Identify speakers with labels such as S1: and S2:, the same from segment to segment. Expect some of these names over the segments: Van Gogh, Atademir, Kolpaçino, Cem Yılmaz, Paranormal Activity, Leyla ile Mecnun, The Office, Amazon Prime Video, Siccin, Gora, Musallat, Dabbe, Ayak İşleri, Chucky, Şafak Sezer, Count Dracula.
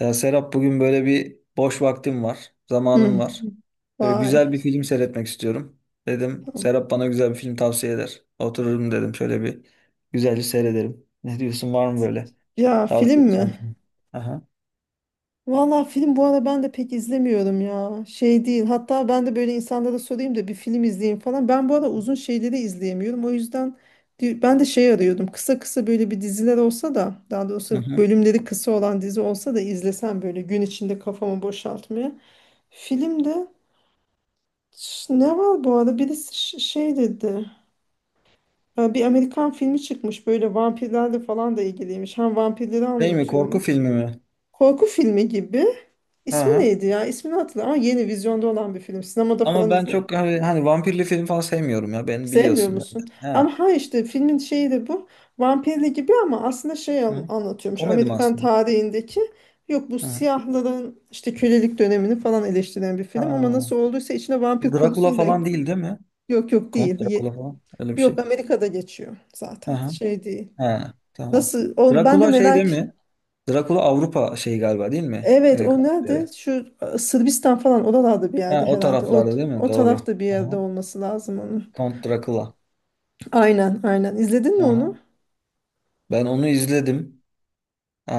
S1: Ya Serap, bugün böyle bir boş vaktim var, zamanım
S2: Hı.
S1: var. Böyle
S2: Vay.
S1: güzel bir film seyretmek istiyorum. Dedim
S2: Tamam.
S1: Serap bana güzel bir film tavsiye eder. Otururum dedim şöyle bir güzelce seyrederim. Ne diyorsun, var mı böyle
S2: Ya film
S1: tavsiye edeceğin
S2: mi?
S1: film? Aha.
S2: Valla film bu ara ben de pek izlemiyorum ya. Şey değil. Hatta ben de böyle insanlara sorayım da bir film izleyeyim falan. Ben bu ara uzun şeyleri izleyemiyorum. O yüzden ben de şey arıyordum. Kısa kısa böyle bir diziler olsa da, daha
S1: Hı
S2: doğrusu
S1: hı.
S2: bölümleri kısa olan dizi olsa da izlesem böyle gün içinde kafamı boşaltmaya. Filmde ne var bu arada? Birisi şey dedi. Ha, bir Amerikan filmi çıkmış, böyle vampirlerle falan da ilgiliymiş. Hem vampirleri
S1: Şey mi, korku
S2: anlatıyormuş.
S1: filmi mi?
S2: Korku filmi gibi. İsmi
S1: Aha.
S2: neydi ya? İsmini hatırlamıyorum ama yeni vizyonda olan bir film. Sinemada falan
S1: Ama ben
S2: izledim.
S1: çok hani vampirli film falan sevmiyorum ya, ben
S2: Sevmiyor
S1: biliyorsun. Yani.
S2: musun?
S1: Ha.
S2: Ama ha, işte filmin şeyi de bu. Vampirli gibi ama aslında şey
S1: Hı hı.
S2: anlatıyormuş.
S1: Komedim
S2: Amerikan
S1: aslında.
S2: tarihindeki, yok, bu
S1: Hı hı.
S2: siyahların işte kölelik dönemini falan eleştiren bir film. Ama
S1: Ha.
S2: nasıl olduysa içine vampir
S1: Drakula
S2: konusunu da,
S1: falan değil değil mi?
S2: yok yok, değil.
S1: Kont Drakula falan, öyle bir
S2: Yok,
S1: şey.
S2: Amerika'da geçiyor zaten. Şey değil.
S1: Ha, tamam.
S2: Nasıl? O, ben de
S1: Drakula şey değil
S2: merak.
S1: mi? Drakula Avrupa şeyi galiba, değil mi?
S2: Evet,
S1: E,
S2: o nerede?
S1: karakteri.
S2: Şu Sırbistan falan oralarda bir
S1: Ha,
S2: yerde
S1: o
S2: herhalde. O,
S1: taraflarda değil mi?
S2: o
S1: Doğru.
S2: tarafta bir yerde
S1: Aha.
S2: olması lazım onun.
S1: Count Dracula.
S2: Aynen, aynen. İzledin mi
S1: Aha.
S2: onu?
S1: Ben onu izledim.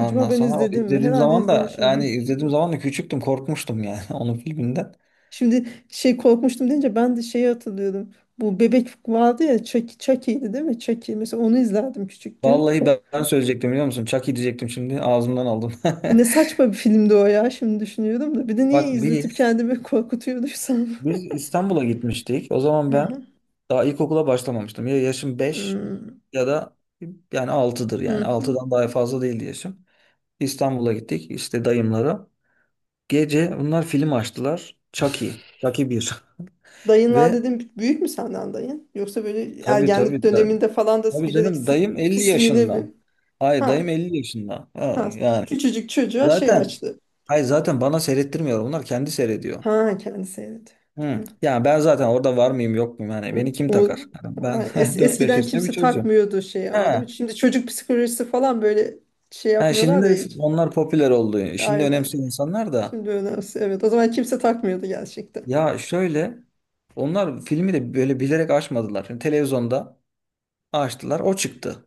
S2: Acaba ben
S1: sonra o
S2: izledim mi?
S1: izlediğim
S2: Herhalde
S1: zaman da, yani
S2: izlemişimdir.
S1: izlediğim zaman da küçüktüm, korkmuştum yani onun filminden.
S2: Şimdi şey, korkmuştum deyince ben de şeyi hatırlıyorum. Bu bebek vardı ya, Chucky, Chucky'ydi değil mi? Chucky. Mesela onu izlerdim küçükken.
S1: Vallahi ben söyleyecektim, biliyor musun? Chucky diyecektim, şimdi ağzımdan aldım.
S2: Ne saçma bir filmdi o ya, şimdi düşünüyorum da. Bir de niye
S1: Bak
S2: izletip
S1: bir...
S2: kendimi korkutuyorduysam.
S1: Biz İstanbul'a gitmiştik. O zaman
S2: Hı
S1: ben
S2: hı.
S1: daha ilkokula başlamamıştım. Ya, yaşım beş
S2: Hmm.
S1: ya da yani altıdır.
S2: Hı
S1: Yani
S2: hı.
S1: altıdan daha fazla değildi yaşım. İstanbul'a gittik işte dayımlara. Gece bunlar film açtılar. Chucky. Chucky bir...
S2: Dayınlar
S1: Ve
S2: dedim, büyük mü senden dayın? Yoksa böyle
S1: tabii
S2: ergenlik
S1: tabii da,
S2: döneminde falan da
S1: tabii
S2: bilerek
S1: canım, dayım 50
S2: pisliğine
S1: yaşında.
S2: mi?
S1: Hayır, dayım
S2: Ha,
S1: 50 yaşında. Ha,
S2: ha.
S1: yani
S2: Küçücük çocuğa şey
S1: zaten,
S2: açtı.
S1: hayır zaten bana seyrettirmiyor. Bunlar kendi seyrediyor.
S2: Ha, kendi seyredi.
S1: Hı.
S2: Tamam.
S1: Yani ben zaten orada var mıyım yok muyum? Yani beni kim
S2: O,
S1: takar? Yani ben dört beş
S2: eskiden
S1: yaşında bir
S2: kimse
S1: çocuğum.
S2: takmıyordu şeyi ama, değil mi?
S1: Ha,
S2: Şimdi çocuk psikolojisi falan böyle şey
S1: ha,
S2: yapmıyorlar
S1: şimdi
S2: ya hiç.
S1: onlar popüler oldu. Şimdi
S2: Aynen.
S1: önemsiyor insanlar da.
S2: Şimdi önemsiz. Evet. O zaman kimse takmıyordu gerçekten.
S1: Ya şöyle, onlar filmi de böyle bilerek açmadılar. Şimdi televizyonda açtılar, o çıktı.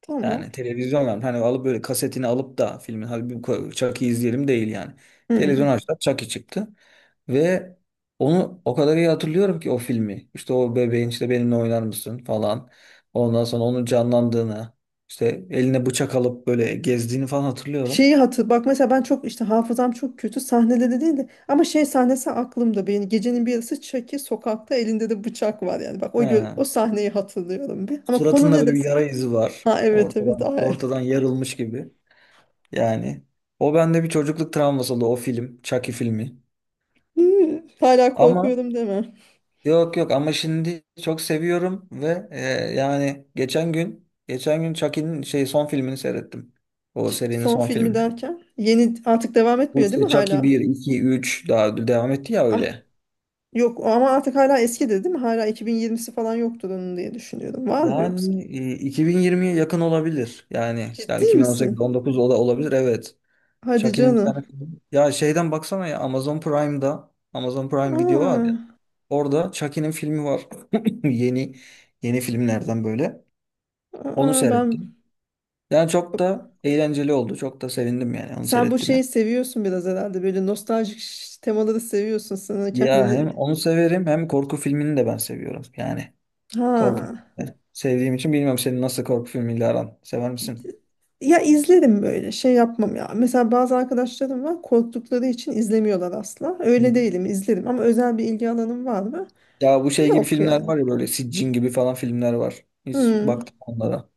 S2: Tamam.
S1: Yani televizyon, yani hani alıp böyle kasetini alıp da filmin, hadi bir Chucky'yi izleyelim değil yani.
S2: Hı.
S1: Televizyon açtılar, Chucky çıktı ve onu o kadar iyi hatırlıyorum ki o filmi. İşte o bebeğin, işte benimle oynar mısın falan. Ondan sonra onun canlandığını, işte eline bıçak alıp böyle gezdiğini falan hatırlıyorum.
S2: Şeyi hatır bak, mesela ben çok, işte hafızam çok kötü, sahneleri değil de ama şey sahnesi aklımda benim. Gecenin bir yarısı Chucky sokakta, elinde de bıçak var yani, bak o o
S1: He.
S2: sahneyi hatırlıyorum bir, ama konu
S1: Suratında
S2: ne
S1: böyle bir
S2: desem,
S1: yara izi var.
S2: ha, evet evet,
S1: Ortadan
S2: ay.
S1: ortadan yarılmış gibi. Yani o bende bir çocukluk travması oldu, o film, Chucky filmi.
S2: Hala
S1: Ama
S2: korkuyorum deme.
S1: yok yok, ama şimdi çok seviyorum ve yani geçen gün Chucky'nin şey son filmini seyrettim. O serinin
S2: Son
S1: son
S2: filmi
S1: filmini.
S2: derken, yeni artık devam
S1: Bu
S2: etmiyor değil mi
S1: işte Chucky
S2: hala?
S1: bir 2 3 daha devam etti ya,
S2: Am-
S1: öyle.
S2: Yok ama, artık hala eski de değil mi, hala 2020'si falan yoktur onun diye düşünüyorum, var mı yoksa?
S1: Yani 2020'ye yakın olabilir. Yani
S2: Ciddi
S1: yani 2018,
S2: misin?
S1: 19 olabilir, evet.
S2: Hadi
S1: Chucky'nin bir
S2: canım.
S1: tane filmi... Ya şeyden baksana ya, Amazon Prime'da, Amazon Prime Video var ya.
S2: Aa,
S1: Orada Chucky'nin filmi var. Yeni yeni filmlerden böyle. Onu
S2: aa, ben.
S1: seyrettim. Yani çok da eğlenceli oldu. Çok da sevindim yani, onu
S2: Sen bu
S1: seyrettim.
S2: şeyi seviyorsun biraz herhalde. Böyle nostaljik temaları seviyorsun, sana
S1: Ya
S2: kendini.
S1: hem onu severim hem korku filmini de ben seviyorum. Yani korku
S2: Ha.
S1: filmini sevdiğim için bilmiyorum, senin nasıl korku filmiyle aran. Sever misin?
S2: Ya izlerim, böyle şey yapmam ya. Mesela bazı arkadaşlarım var, korktukları için izlemiyorlar asla. Öyle
S1: Hı.
S2: değilim, izlerim, ama özel bir ilgi alanım var mı?
S1: Ya bu şey gibi
S2: Yok
S1: filmler
S2: yani.
S1: var ya, böyle Siccin gibi falan filmler var. Hiç
S2: Hmm.
S1: baktım onlara.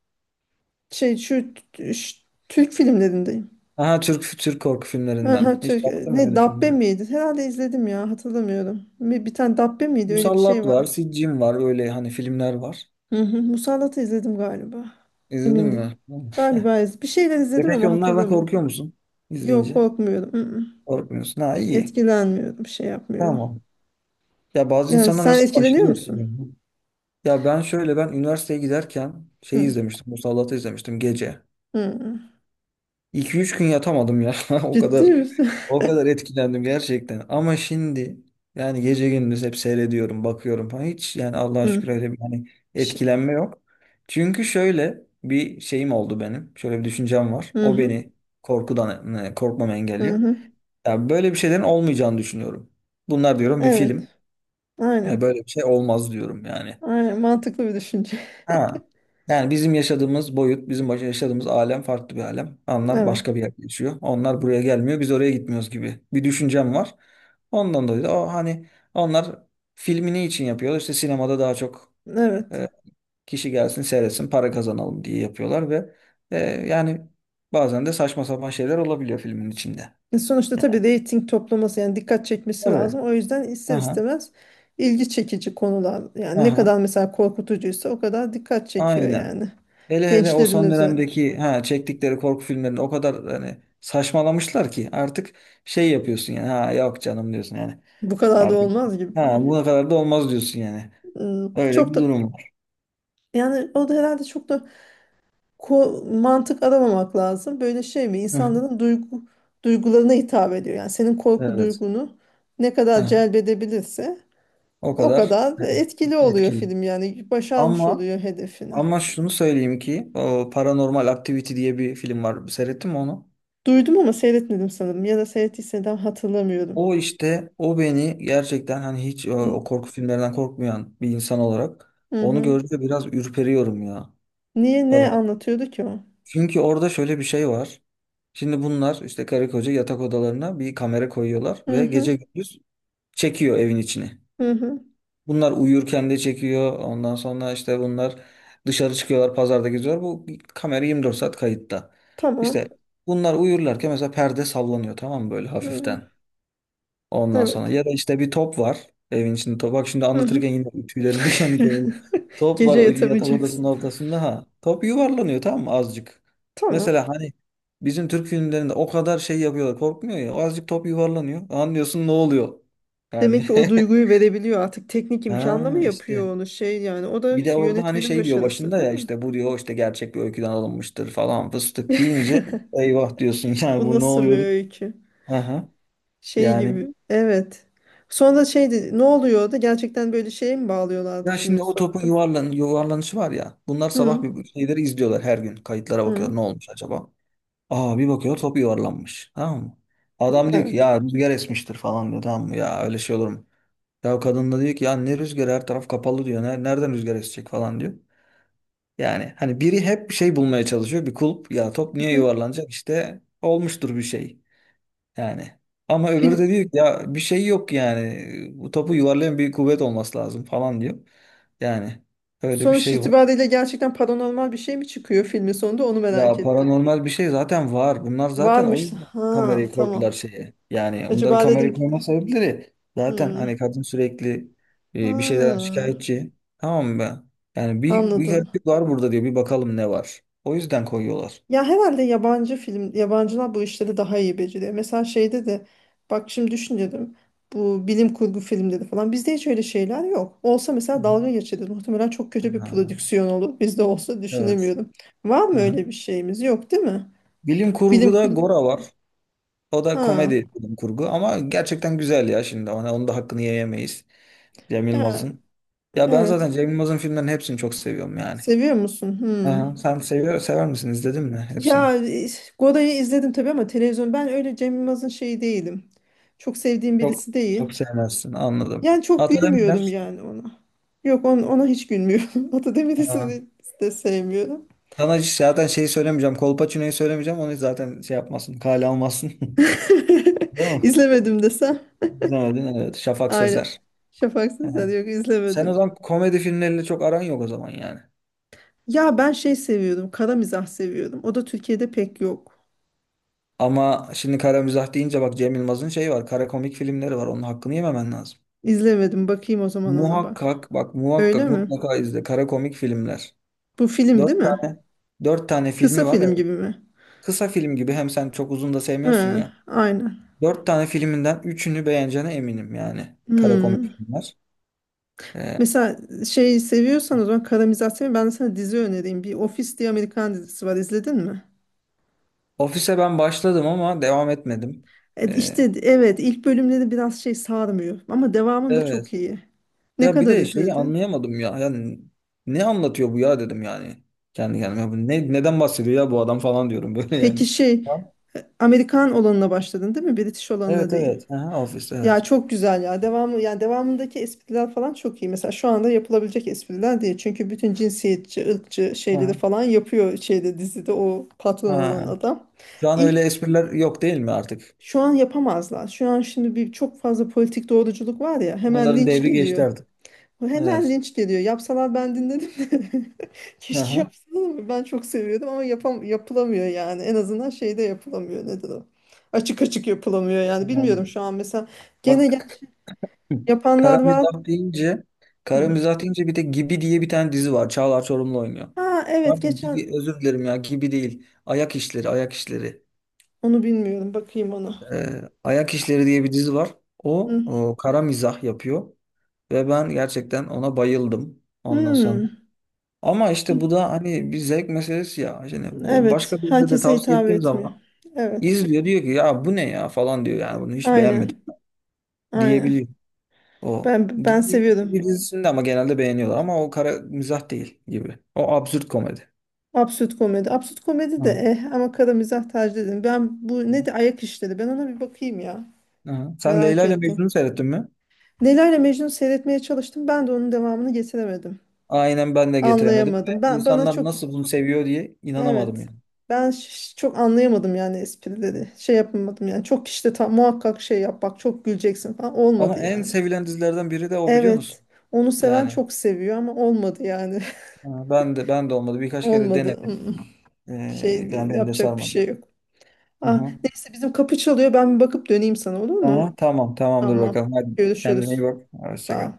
S2: Şey şu Türk filmlerindeyim.
S1: Aha, Türk Türk korku filmlerinden.
S2: Aha,
S1: Hiç
S2: Türk,
S1: baktın mı
S2: ne,
S1: öyle
S2: Dabbe
S1: filmlere?
S2: miydi? Herhalde izledim ya, hatırlamıyorum. Bir tane Dabbe miydi öyle bir şey
S1: Musallat var,
S2: var.
S1: Siccin var, öyle hani filmler var.
S2: Hı hı, Musallat'ı izledim galiba.
S1: İzledin
S2: Emin değil.
S1: mi? Hı.
S2: Galiba bir şeyler
S1: E
S2: izledim
S1: peki
S2: ama
S1: onlardan
S2: hatırlamıyorum.
S1: korkuyor musun
S2: Yok,
S1: izleyince?
S2: korkmuyorum. Hı hı.
S1: Korkmuyorsun. Ha, iyi.
S2: Etkilenmiyorum. Bir şey yapmıyorum.
S1: Tamam. Ya bazı
S2: Yani
S1: insanlar
S2: sen
S1: mesela
S2: etkileniyor
S1: aşırı
S2: musun?
S1: etkileniyor. Ya ben şöyle, ben üniversiteye giderken şey
S2: Hı.
S1: izlemiştim. Musallat'ı izlemiştim gece.
S2: Hı, hı.
S1: 2 üç gün yatamadım ya. O
S2: Ciddi
S1: kadar
S2: misin?
S1: o kadar etkilendim gerçekten. Ama şimdi yani gece gündüz hep seyrediyorum, bakıyorum falan. Hiç yani Allah'a
S2: Hı.
S1: şükür öyle bir hani
S2: Ş-
S1: etkilenme yok. Çünkü şöyle bir şeyim oldu benim. Şöyle bir düşüncem var.
S2: Hı
S1: O
S2: hı.
S1: beni korkudan korkmamı
S2: Hı
S1: engelliyor.
S2: hı.
S1: Ya böyle bir şeylerin olmayacağını düşünüyorum. Bunlar diyorum bir film.
S2: Evet. Aynen.
S1: Böyle bir şey olmaz diyorum yani.
S2: Aynen. Mantıklı bir düşünce.
S1: Ha. Yani bizim yaşadığımız boyut, bizim yaşadığımız alem farklı bir alem. Onlar
S2: Evet.
S1: başka bir yerde yaşıyor. Onlar buraya gelmiyor, biz oraya gitmiyoruz gibi bir düşüncem var. Ondan dolayı da o hani, onlar filmini için yapıyorlar. İşte sinemada daha çok
S2: Evet.
S1: e, kişi gelsin, seyretsin, para kazanalım diye yapıyorlar ve e, yani bazen de saçma sapan şeyler olabiliyor filmin içinde.
S2: E, sonuçta tabii reyting toplaması yani, dikkat çekmesi
S1: Tabii.
S2: lazım. O yüzden ister
S1: Aha,
S2: istemez ilgi çekici konular yani, ne
S1: aha,
S2: kadar mesela korkutucuysa o kadar dikkat çekiyor
S1: aynen.
S2: yani.
S1: Hele hele o
S2: Gençlerin
S1: son
S2: üzerine.
S1: dönemdeki ha çektikleri korku filmlerinde o kadar hani saçmalamışlar ki artık şey yapıyorsun yani, ha yok canım diyorsun yani,
S2: Bu kadar da
S1: artık
S2: olmaz gibi.
S1: ha buna kadar da olmaz diyorsun yani. Öyle
S2: Çok
S1: bir
S2: da,
S1: durum var.
S2: yani o da herhalde çok da mantık aramamak lazım. Böyle şey mi,
S1: Hı hı.
S2: İnsanların duygularına hitap ediyor. Yani senin korku
S1: Evet.
S2: duygunu ne kadar
S1: Ha,
S2: celbedebilirse
S1: o
S2: o
S1: kadar
S2: kadar
S1: evet,
S2: etkili oluyor
S1: etkili.
S2: film yani, başarmış
S1: Ama
S2: oluyor hedefini.
S1: ama şunu söyleyeyim ki o Paranormal Activity diye bir film var. Seyrettin mi onu?
S2: Duydum ama seyretmedim sanırım. Ya da seyrettiysem hatırlamıyorum.
S1: O işte o beni gerçekten hani hiç o,
S2: Hı
S1: o korku filmlerinden korkmayan bir insan olarak
S2: hı,
S1: onu
S2: hı.
S1: gördüğümde biraz ürperiyorum ya.
S2: Niye, ne anlatıyordu ki o?
S1: Çünkü orada şöyle bir şey var. Şimdi bunlar işte karı koca yatak odalarına bir kamera koyuyorlar
S2: Hı
S1: ve gece
S2: hı.
S1: gündüz çekiyor evin içini.
S2: Hı hı.
S1: Bunlar uyurken de çekiyor. Ondan sonra işte bunlar dışarı çıkıyorlar, pazarda geziyorlar. Bu kamera 24 saat kayıtta. İşte
S2: Tamam.
S1: bunlar uyurlarken mesela perde sallanıyor, tamam mı, böyle
S2: Hı.
S1: hafiften. Ondan sonra
S2: Evet.
S1: ya da işte bir top var evin içinde. Top. Bak şimdi
S2: Hı hı.
S1: anlatırken yine tüylerim diken diken oldu. Top var
S2: Gece
S1: o yatak odasının
S2: yatamayacaksın.
S1: ortasında ha. Top yuvarlanıyor, tamam mı, azıcık.
S2: Tamam.
S1: Mesela hani bizim Türk filmlerinde o kadar şey yapıyorlar, korkmuyor ya. Azıcık top yuvarlanıyor. Anlıyorsun ne oluyor. Yani
S2: Demek ki o duyguyu verebiliyor artık. Teknik imkanla mı
S1: ha işte.
S2: yapıyor onu şey yani. O da
S1: Bir de orada hani
S2: yönetmenin
S1: şey diyor
S2: başarısı
S1: başında
S2: değil
S1: ya,
S2: mi?
S1: işte bu diyor, işte gerçek bir öyküden alınmıştır falan fıstık deyince, eyvah diyorsun yani,
S2: Bu
S1: bu ne
S2: nasıl bir
S1: oluyor?
S2: öykü?
S1: Aha.
S2: Şey
S1: Yani.
S2: gibi. Evet. Sonra şeydi, ne oluyordu? Gerçekten böyle şeye mi bağlıyorlardı
S1: Ya
S2: filmin
S1: şimdi o topun
S2: sonunda?
S1: yuvarlan yuvarlanışı var ya. Bunlar sabah
S2: Hı.
S1: bir şeyleri izliyorlar her gün. Kayıtlara bakıyor. Ne
S2: Hı.
S1: olmuş acaba? Aa, bir bakıyor, top yuvarlanmış. Tamam mı? Adam diyor
S2: Evet.
S1: ki ya rüzgar esmiştir falan diyor. Tamam mı? Ya öyle şey olur mu? Ya kadın da diyor ki ya, ne rüzgar, her taraf kapalı diyor. Nereden rüzgar esecek falan diyor. Yani hani biri hep bir şey bulmaya çalışıyor. Bir kulp, ya top niye yuvarlanacak, işte olmuştur bir şey. Yani. Ama öbürü
S2: Film,
S1: de diyor ki ya bir şey yok yani. Bu topu yuvarlayan bir kuvvet olması lazım falan diyor. Yani öyle bir
S2: sonuç
S1: şey var.
S2: itibariyle gerçekten paranormal bir şey mi çıkıyor filmin sonunda, onu merak
S1: Ya
S2: ettim.
S1: paranormal bir şey zaten var. Bunlar zaten o
S2: Varmış.
S1: yüzden
S2: Ha,
S1: kamerayı
S2: tamam.
S1: koydular şeye. Yani onların
S2: Acaba dedim
S1: kamerayı
S2: ki-
S1: koyma sebepleri zaten hani,
S2: hmm,
S1: kadın sürekli
S2: ha,
S1: bir şeyden şikayetçi. Tamam mı? Yani bir
S2: anladım.
S1: gariplik var burada diyor. Bir bakalım ne var. O yüzden koyuyorlar.
S2: Ya herhalde yabancı film, yabancılar bu işleri daha iyi beceriyor. Mesela şeyde de, bak şimdi düşünüyorum. Bu bilim kurgu filmleri falan. Bizde hiç öyle şeyler yok. Olsa mesela
S1: Hı.
S2: dalga geçeriz. Muhtemelen çok kötü bir
S1: Ha,
S2: prodüksiyon olur. Bizde olsa
S1: evet.
S2: düşünemiyorum. Var mı
S1: Hı hı.
S2: öyle bir şeyimiz? Yok değil mi?
S1: Bilim
S2: Bilim
S1: kurguda
S2: kurgu.
S1: Gora var. O da
S2: Ha.
S1: komedi bilim kurgu ama gerçekten güzel ya şimdi. Ona, onun da hakkını yiyemeyiz. Cem
S2: Yani,
S1: Yılmaz'ın. Ya ben zaten
S2: evet.
S1: Cem Yılmaz'ın filmlerini hepsini çok seviyorum yani.
S2: Seviyor musun? Hmm.
S1: Aha, sen seviyor, sever misin? İzledin mi hepsini?
S2: Ya Gora'yı izledim tabii ama televizyon, ben öyle Cem Yılmaz'ın şeyi değilim. Çok sevdiğim
S1: Çok
S2: birisi değil.
S1: Çok sevmezsin anladım.
S2: Yani çok gülmüyorum
S1: Atademirler.
S2: yani ona. Yok, ona hiç gülmüyorum. Atademir'i
S1: Aa,
S2: de sevmiyorum.
S1: sana hiç zaten şeyi söylemeyeceğim. Kolpaçino'yu söylemeyeceğim. Onu zaten şey yapmasın. Kale almazsın. Değil mi?
S2: İzlemedim desem.
S1: İzlemedin, evet. Şafak
S2: Aynen.
S1: Sezer.
S2: Şafak Sezer,
S1: Evet.
S2: yok,
S1: Sen o
S2: izlemedim.
S1: zaman komedi filmleriyle çok aran yok o zaman yani.
S2: Ya ben şey seviyordum, kara mizah seviyordum. O da Türkiye'de pek yok.
S1: Ama şimdi kara mizah deyince bak, Cem Yılmaz'ın şeyi var. Kara komik filmleri var. Onun hakkını yememen lazım.
S2: İzlemedim. Bakayım o zaman ona, bak.
S1: Muhakkak bak,
S2: Öyle
S1: muhakkak
S2: mi?
S1: mutlaka izle. Kara komik filmler.
S2: Bu film
S1: Dört
S2: değil mi?
S1: tane dört tane
S2: Kısa
S1: filmi var.
S2: film
S1: Evet.
S2: gibi mi?
S1: Kısa film gibi, hem sen çok uzun da sevmiyorsun
S2: He,
S1: ya.
S2: aynen.
S1: Dört tane filminden üçünü beğeneceğine eminim yani. Kara komik
S2: Hmm.
S1: filmler. Ee,
S2: Mesela şey seviyorsan, o zaman karamizasyon, ben sana dizi önereyim. Bir Office diye Amerikan dizisi var, izledin mi?
S1: Ofise ben başladım ama devam etmedim.
S2: E,
S1: Ee,
S2: işte evet, ilk bölümleri biraz şey sarmıyor ama devamında çok
S1: evet.
S2: iyi. Ne
S1: Ya bir
S2: kadar
S1: de şeyi
S2: izledin?
S1: anlayamadım ya. Yani ne anlatıyor bu ya dedim yani. Kendi kendime. Bu ne, neden bahsediyor ya bu adam falan diyorum böyle
S2: Peki
S1: yani.
S2: şey,
S1: Ya,
S2: Amerikan olanına başladın değil mi? British olanına
S1: evet
S2: değil.
S1: evet. Aha, ofis evet.
S2: Ya çok güzel ya. Devamı, yani devamındaki espriler falan çok iyi. Mesela şu anda yapılabilecek espriler değil. Çünkü bütün cinsiyetçi, ırkçı şeyleri
S1: Aha,
S2: falan yapıyor şeyde, dizide o patron olan
S1: aha.
S2: adam.
S1: Şu an öyle
S2: İlk
S1: espriler yok değil mi artık?
S2: Şu an yapamazlar. Şu an şimdi bir çok fazla politik doğruculuk var ya, hemen
S1: Onların
S2: linç
S1: devri geçti
S2: geliyor.
S1: artık.
S2: Hemen
S1: Evet.
S2: linç geliyor. Yapsalar ben dinledim de. Keşke
S1: Aha.
S2: yapsalar, ama ben çok seviyordum, ama yapılamıyor yani. En azından şeyde yapılamıyor, nedir o? Açık açık yapılamıyor yani. Bilmiyorum,
S1: Aynen.
S2: şu an mesela gene,
S1: Bak,
S2: gerçi
S1: kara
S2: yapanlar var.
S1: mizah deyince kara
S2: Hı.
S1: mizah deyince bir de Gibi diye bir tane dizi var. Çağlar Çorumlu oynuyor.
S2: Ha, evet,
S1: Pardon
S2: geçen,
S1: Gibi, özür dilerim ya Gibi değil. Ayak işleri, ayak işleri.
S2: onu bilmiyorum. Bakayım ona.
S1: Ayak İşleri diye bir dizi var. O,
S2: Hı.
S1: o kara mizah yapıyor ve ben gerçekten ona bayıldım ondan sonra.
S2: Hmm.
S1: Ama işte bu da hani bir zevk meselesi ya. Şimdi
S2: Evet,
S1: başka birine de
S2: herkese
S1: tavsiye
S2: hitap
S1: ettiğim
S2: etmiyor.
S1: zaman
S2: Evet,
S1: izliyor, diyor ki ya bu ne ya falan diyor, yani bunu hiç beğenmedim
S2: aynen,
S1: diyebiliyor
S2: aynen.
S1: o.
S2: Ben
S1: Gibi,
S2: seviyordum.
S1: gibi dizisinde ama genelde beğeniyorlar, ama o kara mizah değil gibi. O absürt komedi.
S2: Absürt komedi. Absürt komedi de
S1: Hı.
S2: eh, ama kara mizah tercih ederim. Ben bu ne, de ayak işleri. Ben ona bir bakayım ya.
S1: Hı. Sen
S2: Merak
S1: Leyla ile
S2: ettim.
S1: Mecnun'u seyrettin mi?
S2: Leyla ile Mecnun seyretmeye çalıştım. Ben de onun devamını getiremedim.
S1: Aynen, ben de getiremedim.
S2: Anlayamadım. Ben, bana
S1: İnsanlar
S2: çok,
S1: nasıl bunu seviyor diye inanamadım
S2: evet.
S1: yani.
S2: Ben çok anlayamadım yani esprileri. Şey yapamadım yani. Çok işte, tam muhakkak şey yap, bak çok güleceksin falan, olmadı
S1: Ama en
S2: yani.
S1: sevilen dizilerden biri de o, biliyor musun?
S2: Evet. Onu seven
S1: Yani
S2: çok seviyor ama olmadı yani.
S1: ha, ben de olmadı. Birkaç kere
S2: Olmadı. Mm,
S1: denedim.
S2: mm.
S1: Ee,
S2: Şey değil,
S1: yani beni de
S2: yapacak bir
S1: sarmadı.
S2: şey yok. Ah,
S1: Aha.
S2: neyse, bizim kapı çalıyor. Ben bir bakıp döneyim sana, olur mu?
S1: Aha, tamam, tamamdır
S2: Tamam.
S1: bakalım. Hadi kendine iyi
S2: Görüşürüz.
S1: bak. Hoşça
S2: Sağ
S1: kal.
S2: ol.